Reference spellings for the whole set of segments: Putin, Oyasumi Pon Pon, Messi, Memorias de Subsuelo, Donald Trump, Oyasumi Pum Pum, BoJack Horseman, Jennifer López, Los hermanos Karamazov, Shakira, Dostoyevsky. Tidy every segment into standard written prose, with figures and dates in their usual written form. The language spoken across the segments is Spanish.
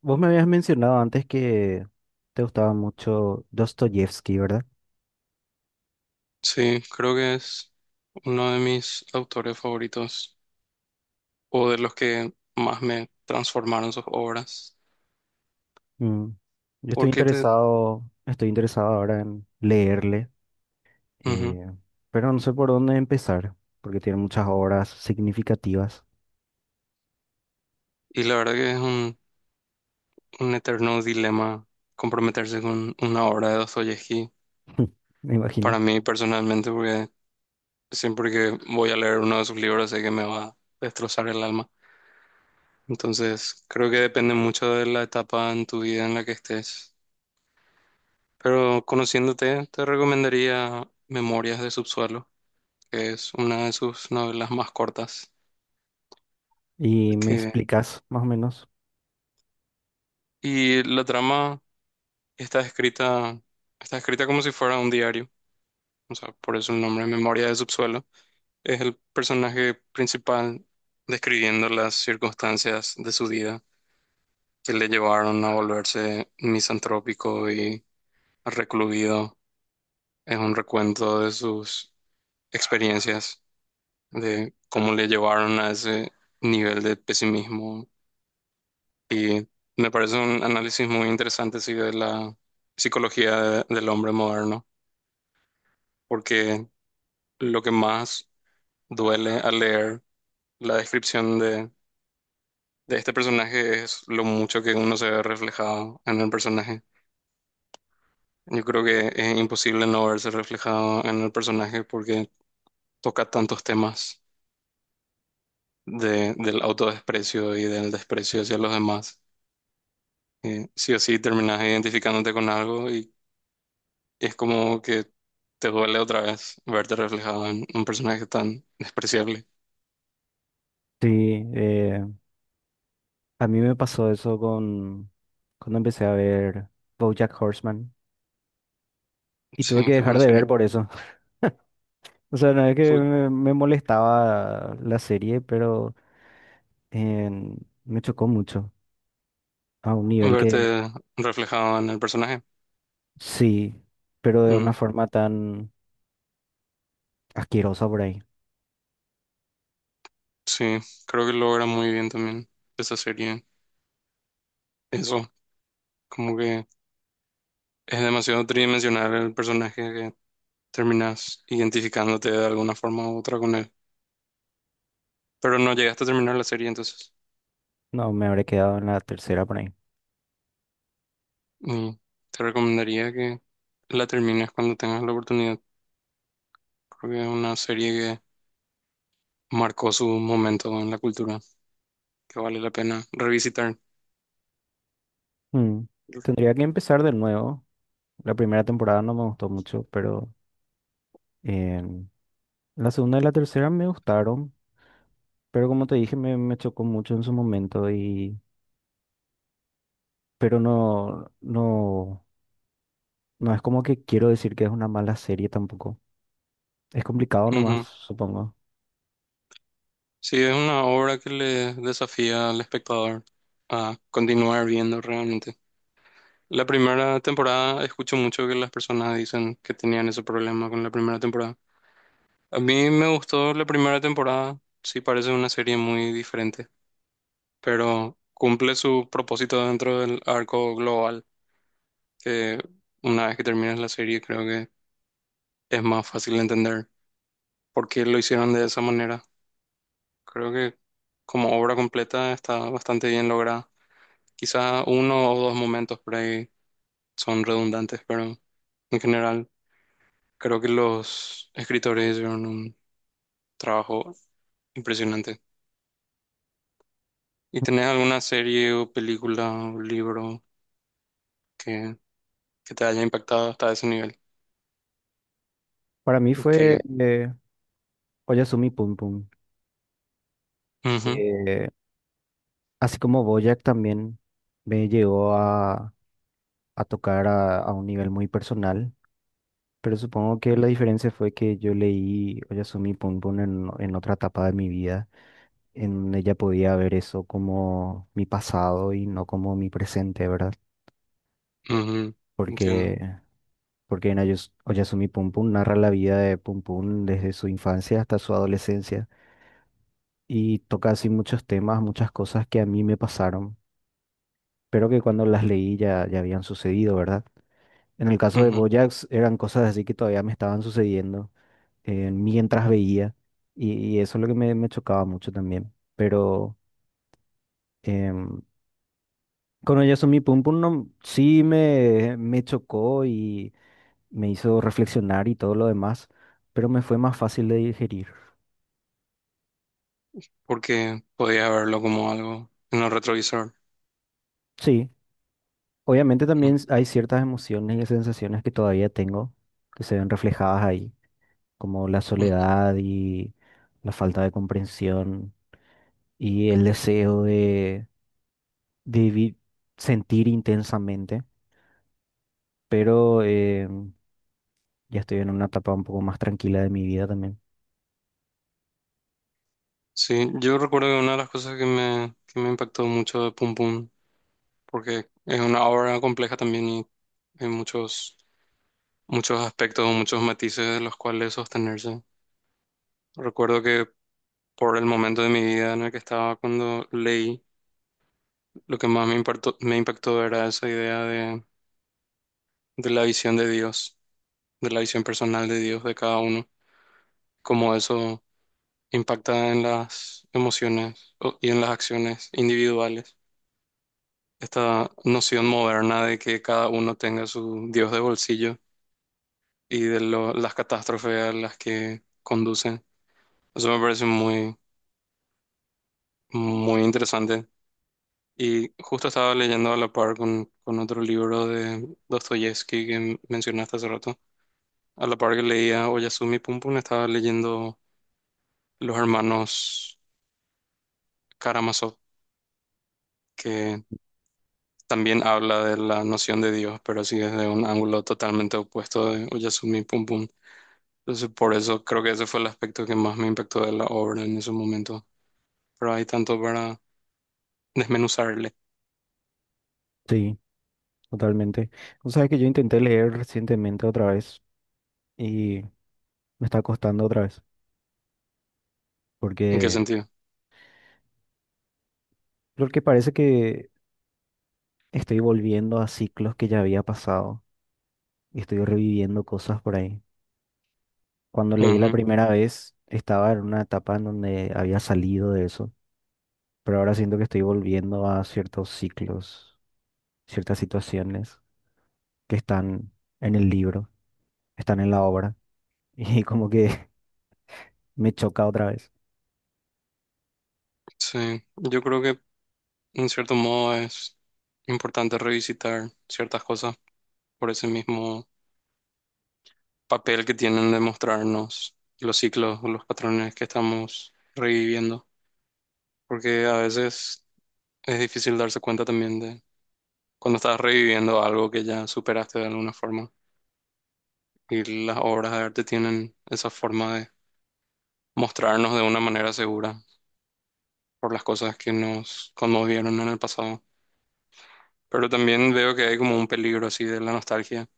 Vos me habías mencionado antes que te gustaba mucho Dostoyevsky, ¿verdad? Sí, creo que es uno de mis autores favoritos o de los que más me transformaron sus obras. Mm. Yo estoy Porque te... interesado, ahora en leerle, Ujú. eh, pero no sé por dónde empezar, porque tiene muchas obras significativas. Y la verdad que es un eterno dilema comprometerse con una obra de Dostoyevsky. Me imagino. Para mí personalmente, porque siempre que voy a leer uno de sus libros sé que me va a destrozar el alma. Entonces, creo que depende mucho de la etapa en tu vida en la que estés. Pero conociéndote, te recomendaría Memorias de Subsuelo que es una de sus novelas más cortas. Y me Que, explicas más o menos. y la trama está escrita, está escrita como si fuera un diario, o sea, por eso el nombre, Memoria de Subsuelo. Es el personaje principal describiendo las circunstancias de su vida que le llevaron a volverse misantrópico y recluido. Es un recuento de sus experiencias, de cómo le llevaron a ese nivel de pesimismo. Y me parece un análisis muy interesante, sí, de la psicología del hombre moderno, porque lo que más duele al leer la descripción de este personaje es lo mucho que uno se ve reflejado en el personaje. Yo creo que es imposible no verse reflejado en el personaje porque toca tantos temas del autodesprecio y del desprecio hacia los demás. Sí o sí terminas identificándote con algo es como que te duele otra vez verte reflejado en un personaje tan despreciable. Sí, eh, a mí me pasó eso con cuando empecé a ver BoJack Horseman y tuve Sí, que qué dejar buena de ver serie. por eso. O sea, no es que Por- me molestaba la serie, pero en- me chocó mucho, a un nivel que Verte reflejado en el personaje. sí, pero de una Mm, forma tan asquerosa por ahí. sí, creo que logra muy bien también esa serie. Eso, como que es demasiado tridimensional el personaje que terminas identificándote de alguna forma u otra con él. Pero no llegaste a terminar la serie, entonces. No, me habré quedado en la tercera por ahí. Y te recomendaría que la termines cuando tengas la oportunidad. Creo que es una serie que marcó su momento en la cultura, que vale la pena revisitar. Mm, tendría que empezar de nuevo. La primera temporada no me gustó mucho, pero em, la segunda y la tercera me gustaron, pero como te dije, me chocó mucho en su momento y... Pero no, no es como que quiero decir que es una mala serie tampoco. Es complicado nomás, Ujú. supongo. Sí, es una obra que le desafía al espectador a continuar viendo realmente. La primera temporada, escucho mucho que las personas dicen que tenían ese problema con la primera temporada. A mí me gustó la primera temporada, sí parece una serie muy diferente, pero cumple su propósito dentro del arco global, que una vez que terminas la serie creo que es más fácil entender por qué lo hicieron de esa manera. Creo que como obra completa está bastante bien lograda. Quizá uno o dos momentos por ahí son redundantes, pero en general creo que los escritores hicieron un trabajo impresionante. ¿Y tenés alguna serie o película o libro que, que te haya impactado hasta ese nivel? Para mí fue Que, Oyasumi Pum Pum. ujú, Eh, así como BoJack también me llegó a tocar a un nivel muy personal, pero supongo que la diferencia fue que yo leí Oyasumi Pon Pon en otra etapa de mi vida. En ella podía ver eso como mi pasado y no como mi presente, ¿verdad? ujú, entiendo. Porque, porque en Oyasumi Pon Pon narra la vida de Pum Pum desde su infancia hasta su adolescencia y toca así muchos temas, muchas cosas que a mí me pasaron, pero que cuando las leí ya habían sucedido, ¿verdad? En el caso de Ujú. BoJack eran cosas así que todavía me estaban sucediendo mientras veía y, y eso es lo que me chocaba mucho también. Pero em, con Oyasumi Pum Pum no, sí me chocó y me hizo reflexionar y todo lo demás, pero me fue más fácil de digerir. Porque podía verlo como algo en el retrovisor. Sí, obviamente Ujú, también hay ciertas emociones y sensaciones que todavía tengo que se ven reflejadas ahí, como la ujú. soledad y la falta de comprensión y el deseo de debí sentir intensamente, pero ya estoy en una etapa un poco más tranquila de mi vida también. Sí, yo recuerdo que una de las cosas que me impactó mucho de Pum Pum porque es una obra compleja también y hay muchos, muchos aspectos, muchos matices de los cuales sostenerse. Recuerdo que por el momento de mi vida en el que estaba cuando leí, lo que más me impactó era esa idea de, la visión de Dios, de la visión personal de Dios de cada uno, cómo eso impacta en las emociones y en las acciones individuales. Esta noción moderna de que cada uno tenga su Dios de bolsillo y de las catástrofes a las que conducen. Eso me parece muy, muy interesante. Y justo estaba leyendo a la par con otro libro de Dostoyevsky que mencionaste hace rato. A la par que leía Oyasumi Pum Pum, estaba leyendo Los hermanos Karamazov, que también habla de la noción de Dios, pero así desde un ángulo totalmente opuesto de Oyasumi Pum Pum. Entonces, por eso creo que ese fue el aspecto que más me impactó de la obra en ese momento. Pero hay tanto para desmenuzarle. Sí, totalmente. O sea, que yo intenté leer recientemente otra vez y me está costando otra vez, ¿En qué porque sentido? porque parece que estoy volviendo a ciclos que ya había pasado y estoy reviviendo cosas por ahí. Cuando leí la Ujú. primera vez, estaba en una etapa en donde había salido de eso, pero ahora siento que estoy volviendo a ciertos ciclos, ciertas situaciones que están en el libro, están en la obra, y como que me choca otra vez. Sí, yo creo que en cierto modo es importante revisitar ciertas cosas por ese mismo papel que tienen de mostrarnos los ciclos o los patrones que estamos reviviendo, porque a veces es difícil darse cuenta también de cuando estás reviviendo algo que ya superaste de alguna forma y las obras de arte tienen esa forma de mostrarnos de una manera segura por las cosas que nos conmovieron en el pasado. Pero también veo que hay como un peligro así de la nostalgia,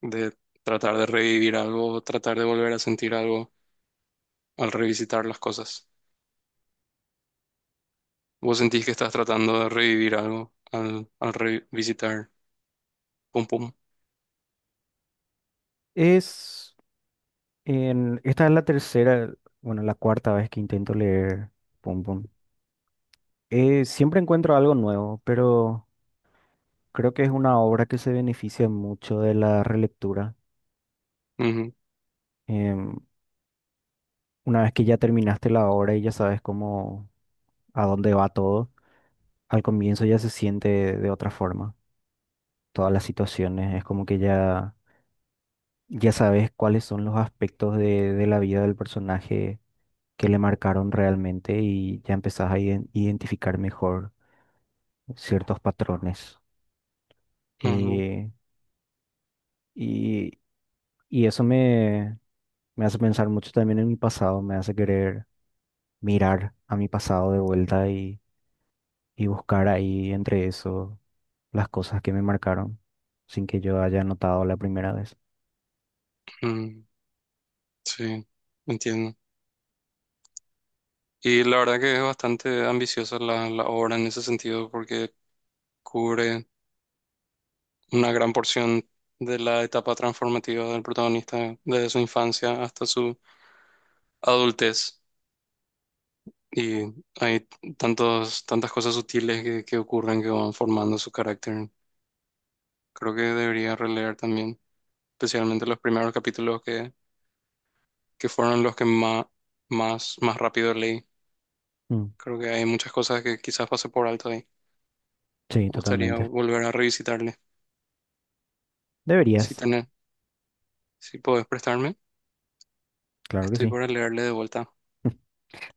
de tratar de revivir algo, tratar de volver a sentir algo al revisitar las cosas. ¿Vos sentís que estás tratando de revivir algo al revisitar Pum Pum? Es esta es la tercera, bueno, la cuarta vez que intento leer Pum Pum. Siempre encuentro algo nuevo, pero creo que es una obra que se beneficia mucho de la relectura. Ujú, Em, una vez que ya terminaste la obra y ya sabes cómo, a dónde va todo, al comienzo ya se siente de otra forma. Todas las situaciones, es como que ya sabes cuáles son los aspectos de la vida del personaje que le marcaron realmente y ya empezás a identificar mejor ciertos patrones. ujú, Eh, y, y eso me hace pensar mucho también en mi pasado, me hace querer mirar a mi pasado de vuelta y buscar ahí entre eso las cosas que me marcaron sin que yo haya notado la primera vez. ujú. Sí, entiendo. Y la verdad que es bastante ambiciosa la obra en ese sentido porque cubre una gran porción de la etapa transformativa del protagonista desde su infancia hasta su adultez. Y hay tantas cosas sutiles que ocurren que van formando su carácter. Creo que debería releer también, especialmente los primeros capítulos que fueron los que más, más, más rápido leí. Mm, Creo que hay muchas cosas que quizás pasé por alto ahí. Me sí, gustaría totalmente. volver a revisitarle. Si Deberías, tenés, si podés prestarme, claro que estoy sí. para leerle de vuelta.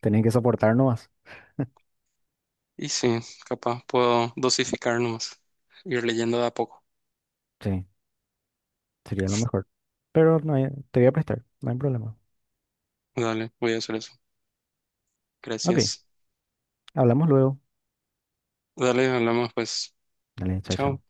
Tenés que soportar nomás. Y sí, capaz puedo dosificar nomás, ir leyendo de a poco. Sí. Sería lo mejor. Pero no hay- te voy a prestar, no hay problema. Dale, voy a hacer eso. Ok, Gracias. hablamos luego. Dale, hablamos pues. Dale, chao, Chao. chao.